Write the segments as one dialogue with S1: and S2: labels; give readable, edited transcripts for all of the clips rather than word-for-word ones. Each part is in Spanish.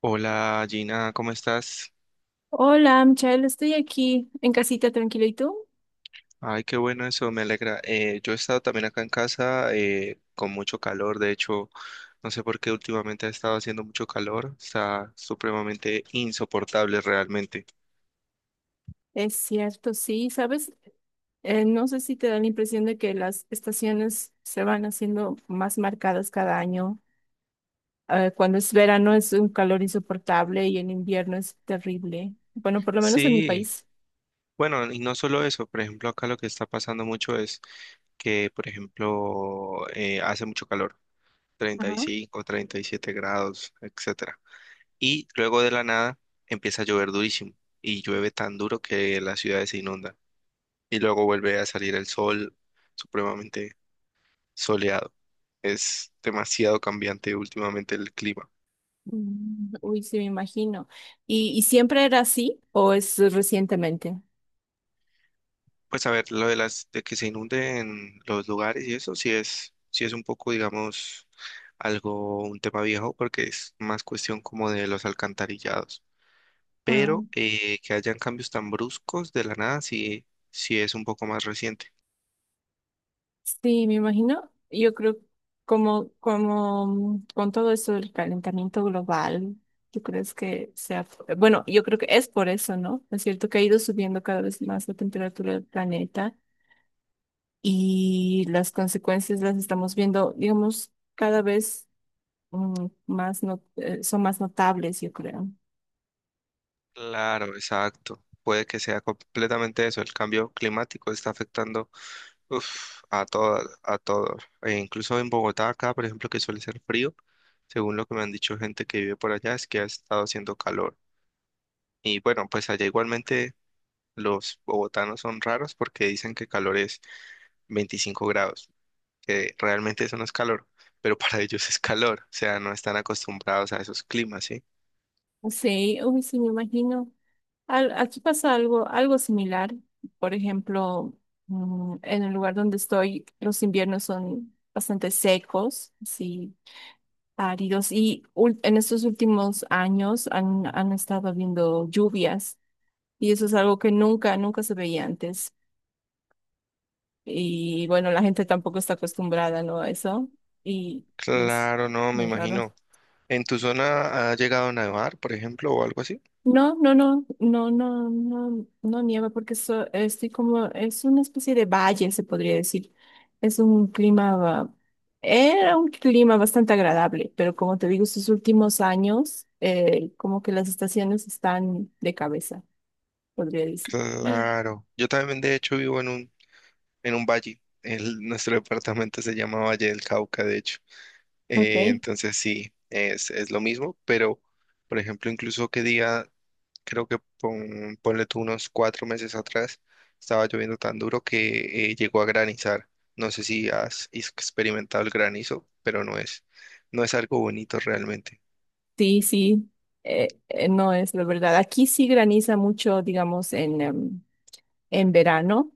S1: Hola Gina, ¿cómo estás?
S2: Hola, Michelle, estoy aquí en casita tranquila. ¿Y tú?
S1: Ay, qué bueno eso, me alegra. Yo he estado también acá en casa con mucho calor, de hecho, no sé por qué últimamente ha estado haciendo mucho calor, está supremamente insoportable realmente.
S2: Es cierto, sí, ¿sabes? No sé si te da la impresión de que las estaciones se van haciendo más marcadas cada año. Cuando es verano es un calor insoportable y en invierno es terrible. Bueno, por lo menos en mi
S1: Sí,
S2: país.
S1: bueno, y no solo eso, por ejemplo, acá lo que está pasando mucho es que, por ejemplo, hace mucho calor, treinta treinta
S2: Ajá.
S1: y cinco treinta y siete grados, etcétera. Y luego de la nada empieza a llover durísimo y llueve tan duro que la ciudad se inunda. Y luego vuelve a salir el sol supremamente soleado. Es demasiado cambiante últimamente el clima.
S2: Mm, uy, sí, me imagino. ¿Y siempre era así o es recientemente?
S1: Pues a ver, lo de las de que se inunden los lugares y eso sí es un poco, digamos, algo, un tema viejo, porque es más cuestión como de los alcantarillados.
S2: Ah.
S1: Pero que hayan cambios tan bruscos de la nada, sí, sí es un poco más reciente.
S2: Sí, me imagino. Yo creo como con todo eso del calentamiento global, ¿tú crees que sea? Bueno, yo creo que es por eso, ¿no? Es cierto que ha ido subiendo cada vez más la temperatura del planeta y las consecuencias las estamos viendo, digamos, cada vez más son más notables, yo creo.
S1: Claro, exacto. Puede que sea completamente eso. El cambio climático está afectando, uf, a todas, a todos. E incluso en Bogotá, acá, por ejemplo, que suele ser frío, según lo que me han dicho gente que vive por allá, es que ha estado haciendo calor. Y bueno, pues allá igualmente los bogotanos son raros porque dicen que calor es 25 grados, que realmente eso no es calor, pero para ellos es calor, o sea, no están acostumbrados a esos climas, ¿sí?
S2: Sí, uy, sí, me imagino. Aquí pasa algo similar. Por ejemplo, en el lugar donde estoy, los inviernos son bastante secos, sí, áridos, y en estos últimos años han estado habiendo lluvias, y eso es algo que nunca, nunca se veía antes. Y bueno, la gente tampoco está acostumbrada, ¿no?, a eso, y, y es
S1: Claro, no, me
S2: muy raro.
S1: imagino. ¿En tu zona ha llegado a nevar, por ejemplo, o algo así?
S2: No, no, no, no, no, no, no nieva porque estoy como, es una especie de valle, se podría decir. Es un clima, ba- Era un clima bastante agradable, pero como te digo, estos últimos años, como que las estaciones están de cabeza, podría decir.
S1: Claro. Yo también, de hecho, vivo en un valle. Nuestro departamento se llama Valle del Cauca, de hecho.
S2: Ok,
S1: Entonces sí, es lo mismo, pero por ejemplo, incluso que día, creo que ponle tú unos 4 meses atrás, estaba lloviendo tan duro que llegó a granizar. No sé si has experimentado el granizo, pero no es algo bonito realmente.
S2: sí, sí, no es la verdad. Aquí sí graniza mucho, digamos, en verano.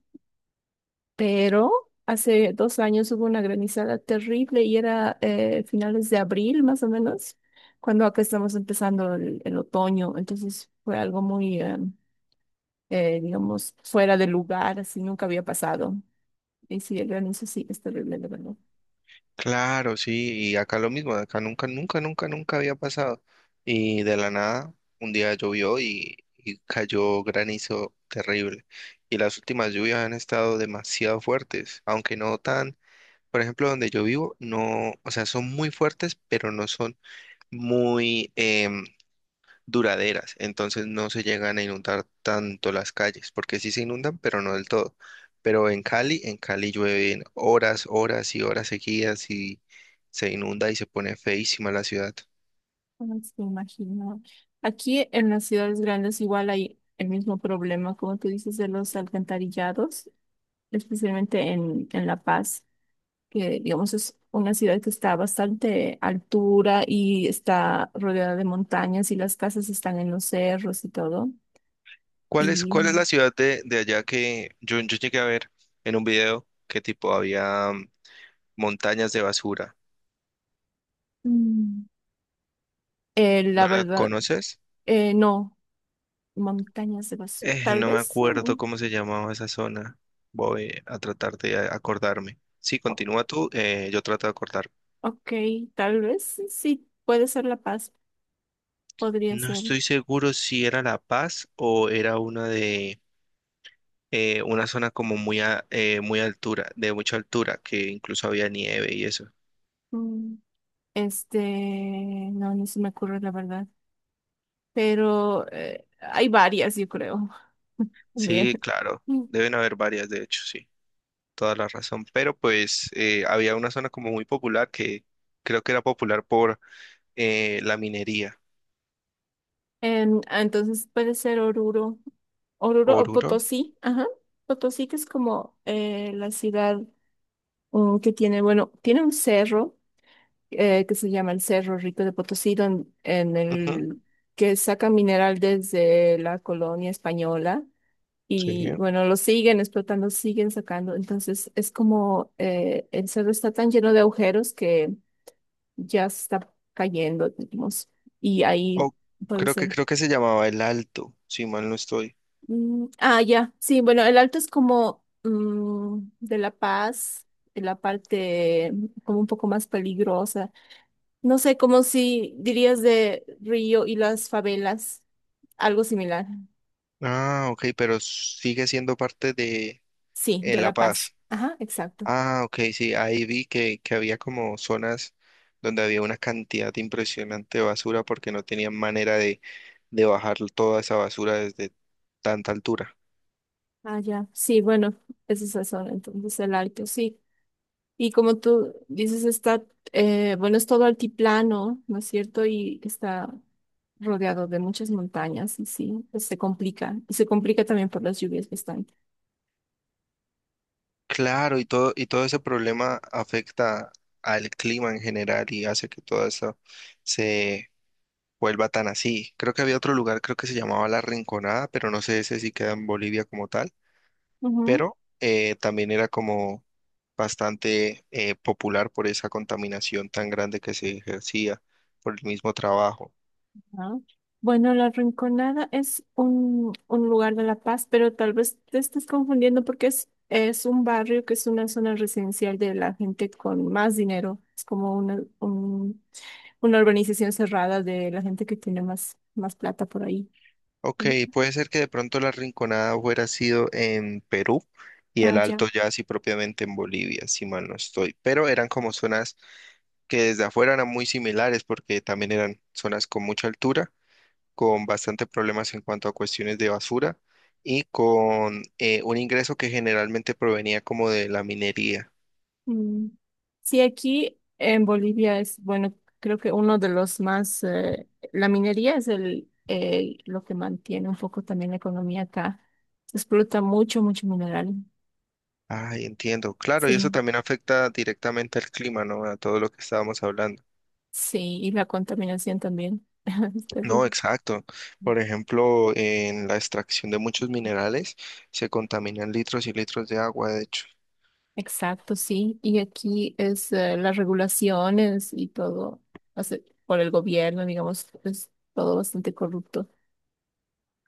S2: Pero hace 2 años hubo una granizada terrible y era finales de abril más o menos, cuando acá estamos empezando el otoño. Entonces fue algo muy, digamos, fuera de lugar, así nunca había pasado. Y sí, el granizo sí es terrible, de verdad.
S1: Claro, sí, y acá lo mismo, acá nunca, nunca, nunca, nunca había pasado. Y de la nada, un día llovió y cayó granizo terrible. Y las últimas lluvias han estado demasiado fuertes, aunque no tan, por ejemplo, donde yo vivo, no, o sea, son muy fuertes, pero no son muy, duraderas, entonces no se llegan a inundar tanto las calles, porque sí se inundan, pero no del todo. Pero en Cali, llueven horas, horas y horas seguidas y se inunda y se pone feísima la ciudad.
S2: No me imagino. Aquí en las ciudades grandes igual hay el mismo problema, como tú dices, de los alcantarillados, especialmente en La Paz, que digamos es una ciudad que está a bastante altura y está rodeada de montañas y las casas están en los cerros y todo.
S1: ¿Cuál
S2: Y
S1: es, cuál es la ciudad de allá que yo llegué a ver en un video que tipo había, montañas de basura?
S2: mm, la
S1: ¿No la
S2: verdad,
S1: conoces?
S2: no, montañas de vacío, tal
S1: No me
S2: vez,
S1: acuerdo cómo se llamaba esa zona. Voy a tratar de acordarme. Sí,
S2: o-
S1: continúa tú, yo trato de acordar.
S2: ok, tal vez sí, puede ser La Paz, podría
S1: No
S2: ser.
S1: estoy seguro si era La Paz o era una de una zona como muy altura, de mucha altura, que incluso había nieve y eso.
S2: mm, Este, no, no se me ocurre la verdad. Pero hay varias, yo creo. Bien.
S1: Sí, claro, deben haber varias, de hecho, sí, toda la razón. Pero pues había una zona como muy popular que creo que era popular por la minería.
S2: Entonces puede ser Oruro, Oruro o
S1: Oruro.
S2: Potosí, ajá. Potosí que es como la ciudad que tiene, bueno, tiene un cerro que se llama el Cerro Rico de Potosí, en
S1: Ujú,
S2: el que saca mineral desde la colonia española
S1: sí.
S2: y bueno, lo siguen explotando, siguen sacando. Entonces es como el cerro está tan lleno de agujeros que ya se está cayendo, digamos, y ahí
S1: Oh,
S2: puede
S1: creo que
S2: ser.
S1: se llamaba El Alto, si mal no estoy.
S2: Ah, ya, sí, bueno, el alto es como de La Paz, de la parte como un poco más peligrosa. No sé, como si dirías de Río y las favelas, algo similar.
S1: Ah, ok, pero sigue siendo parte de
S2: Sí, de
S1: La
S2: La Paz.
S1: Paz.
S2: Ajá, exacto.
S1: Ah, ok, sí, ahí vi que había como zonas donde había una cantidad impresionante de basura porque no tenían manera de bajar toda esa basura desde tanta altura.
S2: Ah, ya. Sí, bueno, esa es la zona, entonces el alto, sí. Y como tú dices, bueno, es todo altiplano, ¿no es cierto? Y está rodeado de muchas montañas y sí, pues se complica. Y se complica también por las lluvias bastante.
S1: Claro, y todo ese problema afecta al clima en general y hace que todo eso vuelva tan así. Creo que había otro lugar, creo que se llamaba La Rinconada, pero no sé ese si queda en Bolivia como tal,
S2: Ujú.
S1: pero también era como bastante popular por esa contaminación tan grande que se ejercía por el mismo trabajo.
S2: Ah, bueno, La Rinconada es un lugar de La Paz, pero tal vez te estés confundiendo porque es un barrio que es una zona residencial de la gente con más dinero. Es como una urbanización cerrada de la gente que tiene más plata por ahí.
S1: Ok,
S2: Ujú.
S1: puede ser que de pronto La Rinconada hubiera sido en Perú y
S2: Ah,
S1: el
S2: ya.
S1: Alto ya así propiamente en Bolivia, si mal no estoy, pero eran como zonas que desde afuera eran muy similares porque también eran zonas con mucha altura, con bastante problemas en cuanto a cuestiones de basura y con un ingreso que generalmente provenía como de la minería.
S2: Mm. Sí, aquí en Bolivia bueno, creo que uno de los más, la minería es lo que mantiene un poco también la economía acá. Se explota mucho, mucho mineral.
S1: Ay, entiendo. Claro, y eso
S2: Sí,
S1: también afecta directamente al clima, ¿no? A todo lo que estábamos hablando.
S2: sí, y la contaminación también. Es
S1: No,
S2: terrible.
S1: exacto. Por ejemplo, en la extracción de muchos minerales se contaminan litros y litros de agua, de hecho.
S2: Exacto, sí. Y aquí es las regulaciones y todo, o sea, por el gobierno, digamos, es todo bastante corrupto.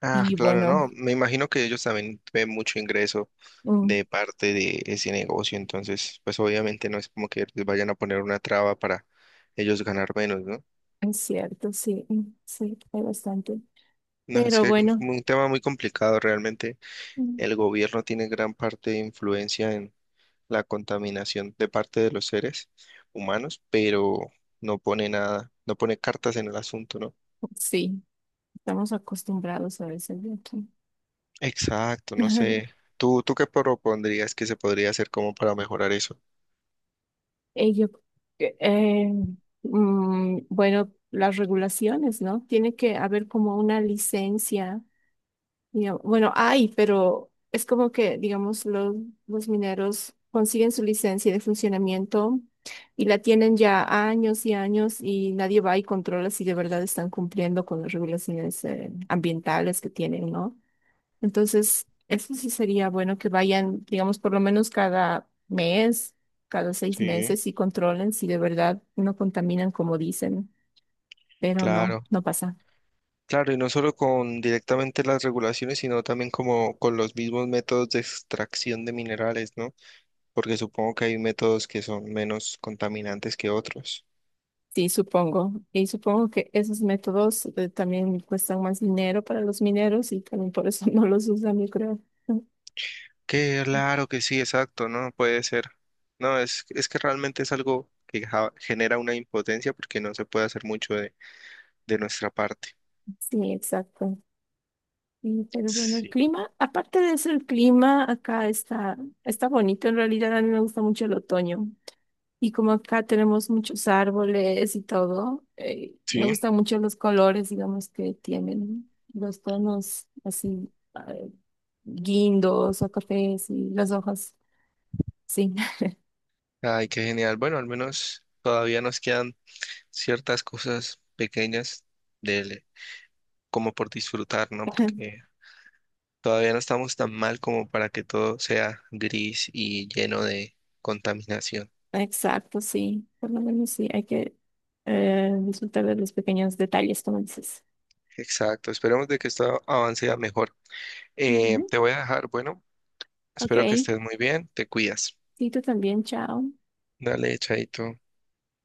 S1: Ah,
S2: Y
S1: claro,
S2: bueno,
S1: no. Me imagino que ellos también ven mucho ingreso
S2: mm,
S1: de parte de ese negocio. Entonces, pues obviamente no es como que les vayan a poner una traba para ellos ganar menos, ¿no?
S2: es cierto, sí, sí, hay bastante.
S1: No, es
S2: Pero
S1: que es
S2: bueno,
S1: un tema muy complicado. Realmente
S2: mm,
S1: el gobierno tiene gran parte de influencia en la contaminación de parte de los seres humanos, pero no pone nada, no pone cartas en el asunto, ¿no?
S2: sí, estamos acostumbrados a veces de aquí.
S1: Exacto, no sé. ¿Tú qué propondrías que se podría hacer como para mejorar eso?
S2: Ello, que, bueno, las regulaciones, ¿no? Tiene que haber como una licencia. Digamos, bueno, hay, pero es como que, digamos, los, mineros consiguen su licencia de funcionamiento y la tienen ya años y años y nadie va y controla si de verdad están cumpliendo con las regulaciones ambientales que tienen, ¿no? Entonces, eso sí sería bueno que vayan, digamos, por lo menos cada mes, cada seis
S1: Sí,
S2: meses y controlen si de verdad no contaminan como dicen, pero no,
S1: claro.
S2: no pasa.
S1: Claro, y no solo con directamente las regulaciones, sino también como con los mismos métodos de extracción de minerales, ¿no? Porque supongo que hay métodos que son menos contaminantes que otros.
S2: Sí, supongo. Y supongo que esos métodos también cuestan más dinero para los mineros y también por eso no los usan, yo creo.
S1: Claro que sí, exacto, ¿no? Puede ser. No, es que realmente es algo que genera una impotencia porque no se puede hacer mucho de nuestra parte.
S2: Sí, exacto. Y, pero bueno, el
S1: Sí.
S2: clima, aparte de eso, el clima acá está bonito. En realidad a mí me gusta mucho el otoño. Y como acá tenemos muchos árboles y todo, me
S1: Sí.
S2: gustan mucho los colores, digamos, que tienen los tonos así, eh, guindos o cafés y las hojas. Sí.
S1: Ay, qué genial. Bueno, al menos todavía nos quedan ciertas cosas pequeñas del, como por disfrutar, ¿no? Porque todavía no estamos tan mal como para que todo sea gris y lleno de contaminación.
S2: Exacto, sí. Por lo menos sí, hay que disfrutar de los pequeños detalles, como dices.
S1: Exacto, esperemos de que esto avance a mejor.
S2: Ujú.
S1: Te voy a dejar, bueno,
S2: Ok,
S1: espero que estés muy bien, te cuidas.
S2: sí, tú también, chao.
S1: Dale, chaito.